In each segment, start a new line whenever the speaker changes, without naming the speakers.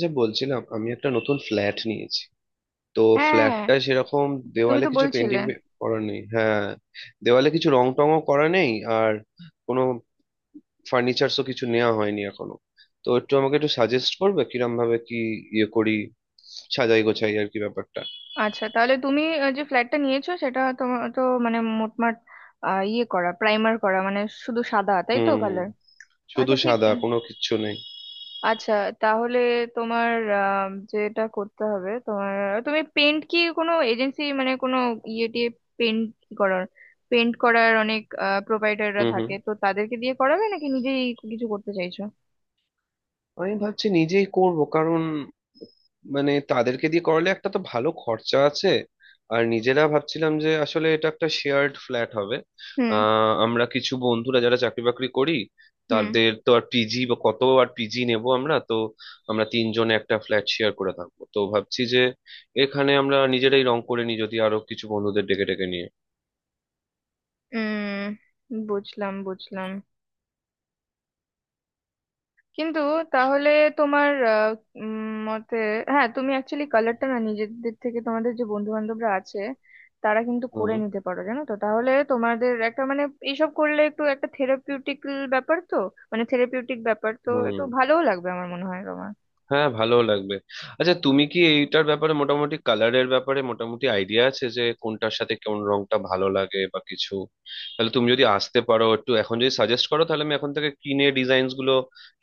যে বলছিলাম আমি একটা নতুন ফ্ল্যাট নিয়েছি, তো
হ্যাঁ হ্যাঁ, হ্যাঁ।
ফ্ল্যাটটা সেরকম
তুমি
দেওয়ালে
তো
কিছু
বলছিলে।
পেন্টিং করা নেই। হ্যাঁ, দেওয়ালে কিছু রং টংও করা নেই, আর কোনো ফার্নিচারসও কিছু নেওয়া হয়নি এখনো। তো একটু আমাকে একটু সাজেস্ট করবে কিরম ভাবে কি ইয়ে করি, সাজাই গোছাই আর কি ব্যাপারটা।
আচ্ছা, তাহলে তুমি যে ফ্ল্যাটটা নিয়েছো সেটা তোমার তো মানে মোটমাট করা, প্রাইমার করা, মানে শুধু সাদা, তাই তো
হুম,
কালার?
শুধু
আচ্ছা, ঠিক
সাদা কোনো কিচ্ছু নেই।
আচ্ছা। তাহলে তোমার যেটা করতে হবে তোমার, তুমি পেন্ট কি কোনো এজেন্সি মানে কোনো ইয়ে টিয়ে পেন্ট করার অনেক প্রোপাইটাররা
হুম হুম,
থাকে, তো তাদেরকে দিয়ে করাবে নাকি নিজেই কিছু করতে চাইছো?
আমি ভাবছি নিজেই করব, কারণ মানে তাদেরকে দিয়ে করলে একটা তো ভালো খরচা আছে। আর নিজেরা ভাবছিলাম যে আসলে এটা একটা শেয়ার্ড ফ্ল্যাট হবে।
হুম
আমরা কিছু বন্ধুরা যারা চাকরি বাকরি করি,
হুম।
তাদের তো আর পিজি বা কত আর পিজি নেব আমরা তো। আমরা তিনজনে একটা ফ্ল্যাট শেয়ার করে থাকবো, তো ভাবছি যে এখানে আমরা নিজেরাই রং করে নিই, যদি আরো কিছু বন্ধুদের ডেকে ডেকে নিয়ে।
উম বুঝলাম বুঝলাম। কিন্তু তাহলে তোমার মতে, হ্যাঁ তুমি অ্যাকচুয়ালি কালারটা না নিজেদের থেকে, তোমাদের যে বন্ধু বান্ধবরা আছে তারা কিন্তু করে
হুম
নিতে পারো, জানো তো? তাহলে তোমাদের একটা মানে এইসব করলে একটু একটা থেরাপিউটিক ব্যাপার তো, মানে থেরাপিউটিক ব্যাপার তো একটু
হুম,
ভালোও লাগবে আমার মনে হয় তোমার।
হ্যাঁ ভালো লাগবে। আচ্ছা, তুমি কি এইটার ব্যাপারে মোটামুটি কালারের ব্যাপারে মোটামুটি আইডিয়া আছে যে কোনটার সাথে কোন রংটা ভালো লাগে বা কিছু? তাহলে তুমি যদি আসতে পারো একটু, এখন যদি সাজেস্ট করো তাহলে আমি এখন থেকে কিনে ডিজাইনস গুলো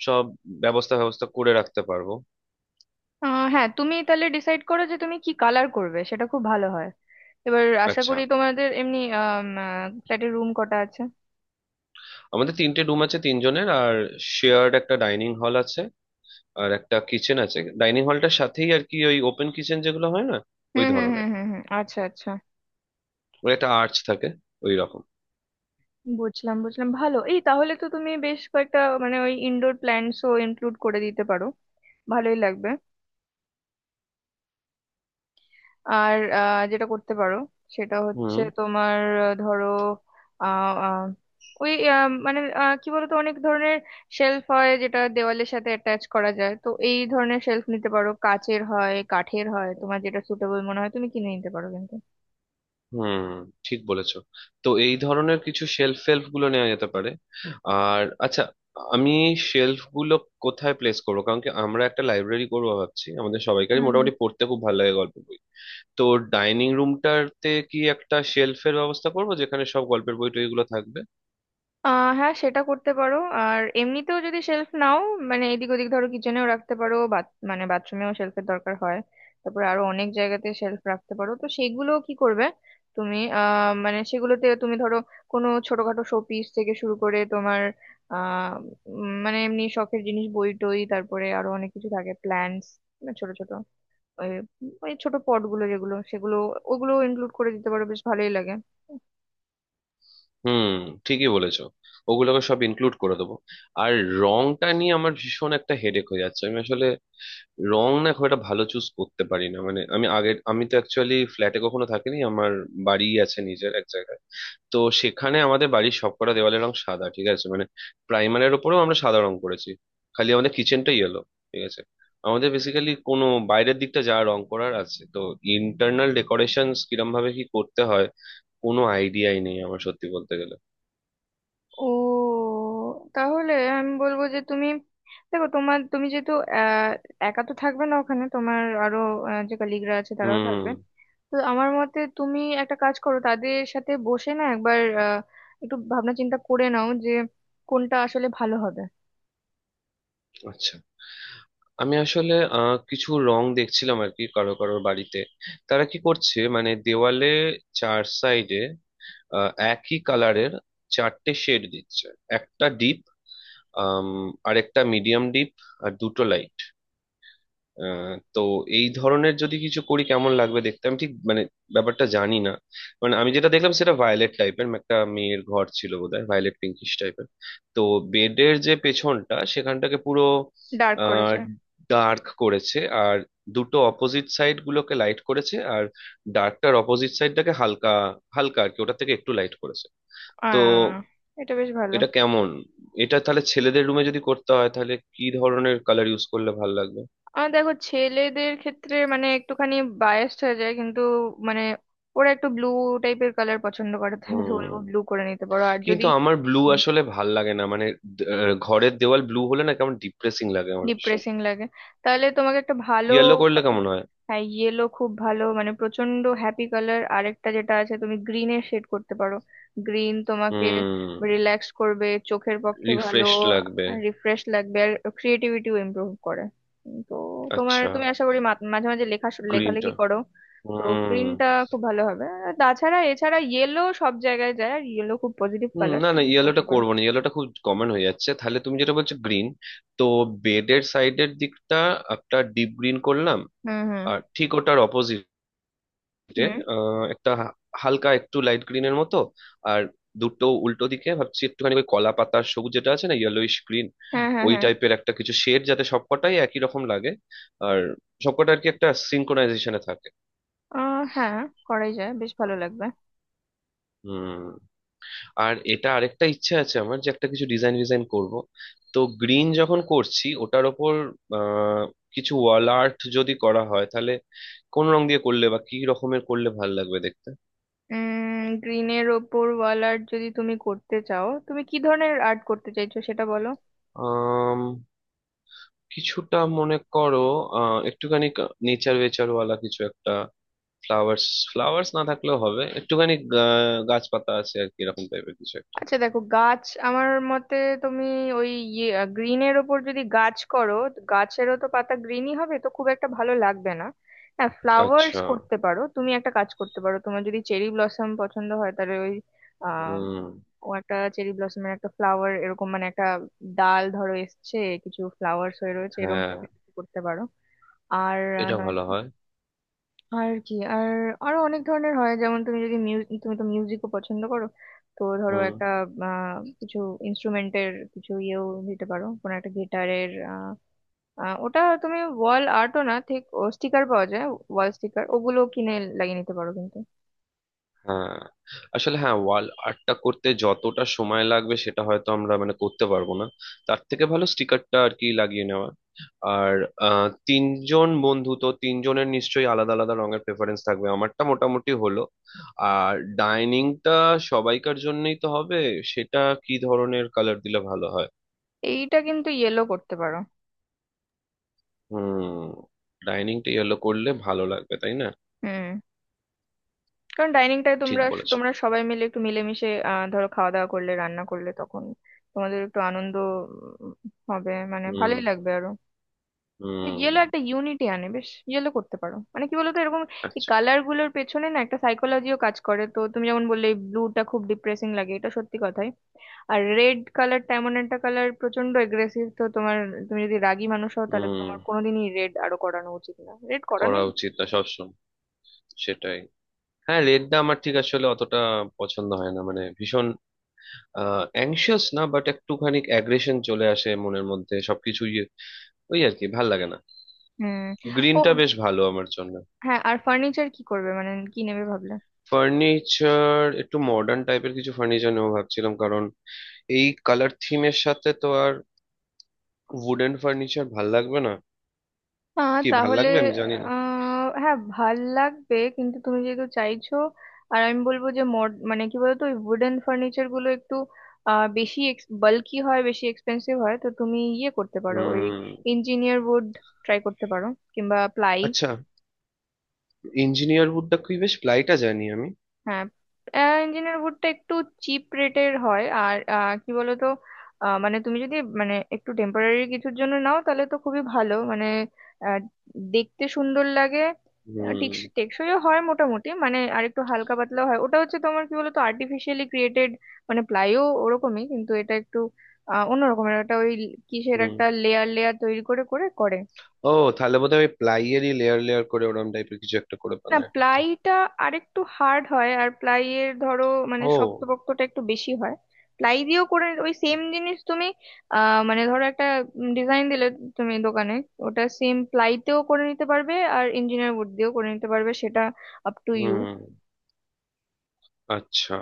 সব ব্যবস্থা ব্যবস্থা করে রাখতে পারবো।
হ্যাঁ, তুমি তাহলে ডিসাইড করো যে তুমি কি কালার করবে, সেটা খুব ভালো হয়। এবার আশা
আচ্ছা,
করি তোমাদের এমনি ফ্ল্যাটের রুম কটা আছে?
আমাদের তিনটে রুম আছে তিনজনের, আর শেয়ার্ড একটা ডাইনিং হল আছে। আর একটা কিচেন আছে ডাইনিং হলটার সাথেই, আর কি ওই ওপেন কিচেন যেগুলো হয় না, ওই
হুম হুম হুম
ধরনের।
হুম হুম, আচ্ছা আচ্ছা।
ওই একটা আর্চ থাকে, ওই রকম।
বুঝলাম বুঝলাম, ভালো। এই তাহলে তো তুমি বেশ কয়েকটা মানে ওই ইনডোর প্ল্যান্টসও ইনক্লুড করে দিতে পারো, ভালোই লাগবে। আর যেটা করতে পারো সেটা হচ্ছে
হুম
তোমার, ধরো আহ, আহ, ওই মানে কি বলতো, অনেক ধরনের শেলফ হয় যেটা দেওয়ালের সাথে অ্যাটাচ করা যায়, তো এই ধরনের শেলফ নিতে পারো, কাচের হয় কাঠের হয়, তোমার যেটা সুটেবল মনে হয় তুমি কিনে নিতে পারো কিন্তু।
হুম, ঠিক বলেছো। তো এই ধরনের কিছু শেলফ ফেলফ গুলো নেওয়া যেতে পারে। আর আচ্ছা, আমি শেলফ গুলো কোথায় প্লেস করবো? কারণ কি আমরা একটা লাইব্রেরি করবো ভাবছি, আমাদের সবাইকারই
হুম হুম।
মোটামুটি পড়তে খুব ভালো লাগে, গল্পের বই। তো ডাইনিং রুমটাতে কি একটা শেলফের ব্যবস্থা করবো, যেখানে সব গল্পের বই টইগুলো থাকবে।
হ্যাঁ, সেটা করতে পারো আর এমনিতেও যদি শেলফ নাও, মানে এদিক ওদিক ধরো কিচেনেও রাখতে পারো, মানে বাথরুমেও শেলফের দরকার হয়। তারপরে আরো অনেক জায়গাতে শেলফ রাখতে পারো, তো সেগুলো কি করবে তুমি? মানে সেগুলোতে তুমি ধরো কোনো ছোটখাটো শোপিস থেকে শুরু করে তোমার আহ মানে এমনি শখের জিনিস, বই টই, তারপরে আরো অনেক কিছু থাকে, প্ল্যান্টস, ছোট ছোট ওই ওই ছোট পটগুলো যেগুলো সেগুলো, ওগুলো ইনক্লুড করে দিতে পারো, বেশ ভালোই লাগে।
হুম, ঠিকই বলেছো, ওগুলোকে সব ইনক্লুড করে দেবো। আর রংটা নিয়ে আমার ভীষণ একটা হেডেক হয়ে যাচ্ছে। আমি আসলে রং না খুব একটা ভালো চুজ করতে পারি না। মানে আমি তো অ্যাকচুয়ালি ফ্ল্যাটে কখনো থাকিনি, আমার বাড়ি আছে নিজের এক জায়গায়। তো সেখানে আমাদের বাড়ির সবকটা দেওয়ালের রং সাদা, ঠিক আছে, মানে প্রাইমারের ওপরেও আমরা সাদা রং করেছি, খালি আমাদের কিচেনটাই ইয়েলো। ঠিক আছে, আমাদের বেসিক্যালি কোনো বাইরের দিকটা যা রং করার আছে তো, ইন্টারনাল ডেকোরেশন কিরম ভাবে কি করতে হয় কোনো আইডিয়াই নেই আমার, সত্যি বলতে গেলে।
ও, তাহলে আমি বলবো যে তুমি দেখো তোমার, তুমি যেহেতু আহ, একা তো থাকবে না ওখানে, তোমার আরো যে কলিগরা আছে তারাও
হুম,
থাকবে, তো আমার মতে তুমি একটা কাজ করো, তাদের সাথে বসে না একবার একটু ভাবনা চিন্তা করে নাও যে কোনটা আসলে ভালো হবে।
আচ্ছা, আমি আসলে কিছু রং দেখছিলাম আর কি কারো কারো বাড়িতে। তারা কি করছে মানে দেওয়ালে চার সাইডে একই কালারের চারটে শেড দিচ্ছে। একটা ডিপ, আরেকটা মিডিয়াম ডিপ, আর দুটো লাইট। তো এই ধরনের যদি কিছু করি কেমন লাগবে দেখতে? আমি ঠিক মানে ব্যাপারটা জানি না। মানে আমি যেটা দেখলাম সেটা ভায়োলেট টাইপের, একটা মেয়ের ঘর ছিল বোধহয়, ভায়োলেট পিঙ্কিশ টাইপের। তো বেডের যে পেছনটা সেখানটাকে পুরো
ডার্ক
আহ
করেছে।
ডার্ক করেছে। আর দুটো অপোজিট সাইড গুলোকে লাইট করেছে, আর ডার্কটার অপোজিট সাইডটাকে হালকা, হালকা আর কি, ওটা থেকে একটু লাইট করেছে। তো
আহ এটা বেশ ভালো।
এটা কেমন? এটা তাহলে ছেলেদের রুমে যদি করতে হয় তাহলে কি ধরনের কালার ইউজ করলে ভালো লাগবে?
আর দেখো, ছেলেদের ক্ষেত্রে মানে একটুখানি বায়াসড হয়ে যায় কিন্তু, মানে ওরা একটু ব্লু টাইপের কালার পছন্দ করে, তাহলে
হুম,
বলবো ব্লু করে নিতে পারো। আর যদি
কিন্তু আমার ব্লু আসলে ভাল লাগে না। মানে ঘরের দেওয়াল ব্লু হলে না কেমন ডিপ্রেসিং লাগে আমার ভীষণ।
ডিপ্রেসিং লাগে তাহলে তোমাকে একটা ভালো...
ইয়েলো করলে কেমন হয়?
হ্যাঁ, ইয়েলো খুব ভালো, মানে প্রচন্ড হ্যাপি কালার। আরেকটা যেটা আছে, তুমি গ্রিনের শেড করতে পারো। গ্রিন তোমাকে
হুম,
রিল্যাক্স করবে, চোখের পক্ষে ভালো,
রিফ্রেশ লাগবে।
রিফ্রেশ লাগবে আর ক্রিয়েটিভিটিও ইমপ্রুভ করে। তো তোমার,
আচ্ছা,
তুমি আশা করি মাঝে মাঝে লেখা লেখালেখি
গ্রিনটা,
করো। তো
হুম।
গ্রিনটা খুব ভালো হবে আর তাছাড়া এছাড়া ইয়েলো সব জায়গায় যায় আর ইয়েলো খুব পজিটিভ
হুম,
কালার,
না না,
করতে
ইয়েলোটা
পারো।
করবো না, ইয়েলোটা খুব কমন হয়ে যাচ্ছে। তাহলে তুমি যেটা বলছো, গ্রিন। তো বেডের সাইডের দিকটা একটা ডিপ গ্রিন করলাম।
হুম হুম
আর ঠিক ওটার অপোজিট যে
হুম।
একটা হালকা, একটু লাইট গ্রিনের মতো। আর দুটো উল্টো দিকে ভাবছি একটুখানি ওই কলা পাতার সবুজ যেটা আছে না, ইয়েলোইশ গ্রিন।
হ্যাঁ হ্যাঁ
ওই
হ্যাঁ।
টাইপের একটা কিছু শেড, যাতে সবকটাই একই রকম লাগে, আর সবকটা আর কি একটা সিনক্রোনাইজেশনে থাকে।
হ্যাঁ, করাই যায়, বেশ ভালো লাগবে।
হুম, আর এটা আরেকটা ইচ্ছে আছে আমার, যে একটা কিছু ডিজাইন ডিজাইন করব। তো গ্রিন যখন করছি ওটার ওপর আহ, কিছু ওয়াল আর্ট যদি করা হয় তাহলে কোন রং দিয়ে করলে বা কি রকমের করলে ভাল লাগবে দেখতে?
গ্রিনের ওপর ওয়াল আর্ট যদি তুমি করতে চাও, তুমি কি ধরনের আর্ট করতে চাইছো সেটা বলো।
কিছুটা মনে করো একটুখানি নেচার ওয়েচার ওয়ালা কিছু একটা। ফ্লাওয়ার্স, ফ্লাওয়ার্স না থাকলেও হবে, একটুখানি গাছপাতা আছে আর কি, এরকম টাইপের কিছু একটা।
আচ্ছা, দেখো গাছ আমার মতে, তুমি ওই গ্রিনের ওপর যদি গাছ করো তো গাছেরও তো পাতা গ্রিনই হবে, তো খুব একটা ভালো লাগবে না। হ্যাঁ, ফ্লাওয়ার্স
আচ্ছা,
করতে পারো, তুমি একটা কাজ করতে পারো, তোমার যদি চেরি ব্লসম পছন্দ হয় তাহলে ওই আহ
হুম,
ও, একটা চেরি ব্লসমের একটা ফ্লাওয়ার, এরকম মানে একটা ডাল ধরো এসছে, কিছু ফ্লাওয়ার্স হয়ে রয়েছে, এরকম
হ্যাঁ
টাইপের কিছু করতে পারো আর
এটা
নয়
ভালো হয়।
আর কি, আর আরো অনেক ধরনের হয়, যেমন তুমি যদি মিউজিক, তুমি তো মিউজিকও পছন্দ করো, তো ধরো
হুম,
একটা কিছু ইনস্ট্রুমেন্টের কিছু ইয়েও দিতে পারো, কোনো একটা গিটারের। ওটা তুমি ওয়াল আর্টও না ঠিক, স্টিকার পাওয়া যায়, ওয়াল স্টিকার ওগুলো কিনে লাগিয়ে নিতে পারো কিন্তু।
হ্যাঁ আসলে, হ্যাঁ ওয়াল আর্টটা করতে যতটা সময় লাগবে সেটা হয়তো আমরা মানে করতে পারবো না। তার থেকে ভালো স্টিকারটা আর কি লাগিয়ে নেওয়া। আর তিনজন বন্ধু তো, তিনজনের নিশ্চয়ই আলাদা আলাদা রঙের প্রেফারেন্স থাকবে, আমারটা মোটামুটি হলো। আর ডাইনিংটা সবাইকার জন্যই তো হবে। সেটা কি ধরনের কালার দিলে ভালো হয়?
এইটা কিন্তু ইয়েলো করতে পারো।
হুম, ডাইনিংটা ইয়েলো করলে ভালো লাগবে তাই না?
হুম। কারণ ডাইনিংটায়
ঠিক
তোমরা
বলেছো।
তোমরা সবাই মিলে একটু মিলেমিশে ধরো খাওয়া দাওয়া করলে, রান্না করলে, তখন তোমাদের একটু আনন্দ উম, হবে, মানে
হুম
ভালোই লাগবে আরো।
হুম।
ইয়েলো একটা ইউনিটি আনে, বেশ ইয়েলো করতে পারো, মানে কি বলতো এরকম, এই
আচ্ছা।
কালার গুলোর পেছনে না একটা সাইকোলজিও কাজ করে, তো তুমি যেমন বললে ব্লুটা খুব ডিপ্রেসিং লাগে, এটা সত্যি কথাই। আর রেড কালারটা এমন একটা কালার, প্রচন্ড এগ্রেসিভ, তো তোমার, তুমি যদি রাগী মানুষ হও তাহলে
হুম,
তোমার কোনোদিনই রেড আরো করানো উচিত না, রেড করানো...
করা উচিত না সবসময়। সেটাই। হ্যাঁ, লেটদা আমার ঠিক আসলে অতটা পছন্দ হয় না, মানে ভীষণ অ্যাংশিয়াস না বাট একটুখানি অ্যাগ্রেশন চলে আসে মনের মধ্যে সবকিছুই। ওই আর কি ভাল লাগে না।
হুম। ও
গ্রিনটা বেশ ভালো আমার জন্য।
হ্যাঁ, আর ফার্নিচার কি করবে, মানে কি নেবে ভাবলে?
ফার্নিচার একটু মডার্ন টাইপের কিছু ফার্নিচার নেবো ভাবছিলাম, কারণ এই কালার থিমের সাথে তো আর উডেন ফার্নিচার ভাল লাগবে না। কি ভাল
তাহলে
লাগবে আমি জানি না।
হ্যাঁ, ভাল লাগবে, কিন্তু তুমি যেহেতু চাইছো। আর আমি বলবো যে মড মানে কি বলতো ওই উডেন ফার্নিচার গুলো একটু বেশি বাল্কি হয়, বেশি এক্সপেন্সিভ হয়, তো তুমি ইয়ে করতে পারো, ওই
হুম,
ইঞ্জিনিয়ার উড ট্রাই করতে পারো কিংবা প্লাই।
আচ্ছা, ইঞ্জিনিয়ার উডটা কি বেশ? প্লাইটা জানি আমি।
হ্যাঁ, ইঞ্জিনিয়ার ভুট্টা একটু চিপ রেটের হয় আর কি বলতো মানে তুমি যদি মানে একটু টেম্পোরারি কিছুর জন্য নাও তাহলে তো খুবই ভালো, মানে আহ, দেখতে সুন্দর লাগে,
হুম
টেকসইও হয় মোটামুটি, মানে আর একটু হালকা পাতলাও হয়, ওটা হচ্ছে তোমার কি বলতো আর্টিফিশিয়ালি ক্রিয়েটেড, মানে প্লাইও ওরকমই, কিন্তু এটা একটু অন্যরকমের একটা ওই কিসের
হুম।
একটা লেয়ার লেয়ার তৈরি করে করে করে।
ও, তাহলে বোধহয় ওই প্লাইয়েরই লেয়ার লেয়ার করে ওরম টাইপের কিছু একটা করে
না,
বানায় হয়তো।
প্লাইটা আরেকটু হার্ড হয়, আর প্লাইয়ের ধরো মানে
ও।
শক্তপোক্তটা একটু বেশি হয়। প্লাই দিয়েও করে ওই সেম জিনিস তুমি, মানে ধরো একটা ডিজাইন দিলে তুমি দোকানে, ওটা সেম প্লাইতেও করে নিতে পারবে আর ইঞ্জিনিয়ার উড দিয়েও করে নিতে পারবে, সেটা আপ টু ইউ।
হুম, আচ্ছা।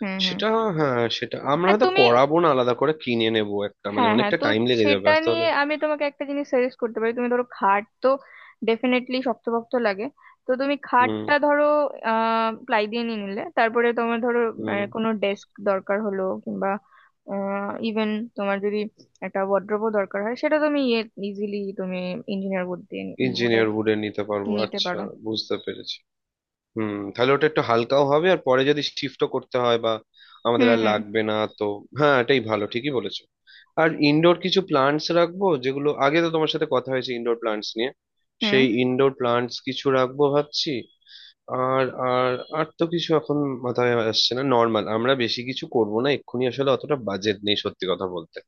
হুম হুম।
সেটা, হ্যাঁ সেটা আমরা
আর
হয়তো
তুমি...
করাবো না, আলাদা করে কিনে নেবো একটা, মানে
হ্যাঁ হ্যাঁ,
অনেকটা
তো
টাইম লেগে যাবে
সেটা
আসতে
নিয়ে
হলে।
আমি তোমাকে একটা জিনিস সাজেস্ট করতে পারি। তুমি ধরো খাট তো ডেফিনেটলি শক্তপোক্ত লাগে, তো তুমি
হুম
খাটটা ধরো প্লাই দিয়ে নিয়ে নিলে, তারপরে তোমার ধরো
হুম,
কোনো ডেস্ক দরকার হলো কিংবা ইভেন তোমার যদি একটা ওয়ার্ড্রোবও দরকার হয়, সেটা তুমি ইজিলি তুমি ইঞ্জিনিয়ার বোর্ড দিয়ে, বোর্ডের
ইঞ্জিনিয়ার উডেন নিতে পারবো,
নিতে
আচ্ছা,
পারো।
বুঝতে পেরেছি। হুম, তাহলে ওটা একটু হালকাও হবে, আর পরে যদি শিফটও করতে হয় বা আমাদের
হুম
আর
হুম
লাগবে না তো। হ্যাঁ, এটাই ভালো, ঠিকই বলেছো। আর ইনডোর কিছু প্লান্টস রাখবো, যেগুলো আগে তো তোমার সাথে কথা হয়েছে ইনডোর প্লান্টস নিয়ে।
হুম।
সেই ইনডোর প্লান্টস কিছু রাখবো ভাবছি। আর আর আর তো কিছু এখন মাথায় আসছে না। নর্মাল, আমরা বেশি কিছু করব না এক্ষুনি, আসলে অতটা বাজেট নেই সত্যি কথা বলতে।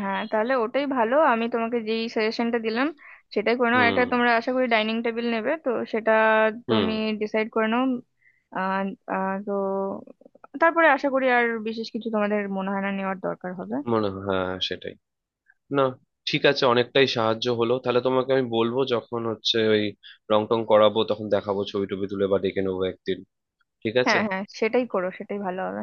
হ্যাঁ, তাহলে ওটাই ভালো। আমি তোমাকে যেই সাজেশনটা দিলাম সেটাই করে নাও। একটা
হুম
তোমরা আশা করি ডাইনিং টেবিল নেবে, তো সেটা
হুম,
তুমি ডিসাইড করে নাও। আহ, আহ, তো তারপরে আশা করি আর বিশেষ কিছু তোমাদের মনে হয় না নেওয়ার দরকার হবে।
মনে হয় হ্যাঁ সেটাই। না, ঠিক আছে, অনেকটাই সাহায্য হলো। তাহলে তোমাকে আমি বলবো, যখন হচ্ছে ওই রং টং করাবো তখন দেখাবো ছবি টবি তুলে, বা ডেকে নেবো একদিন। ঠিক আছে।
হ্যাঁ হ্যাঁ, সেটাই করো, সেটাই ভালো হবে।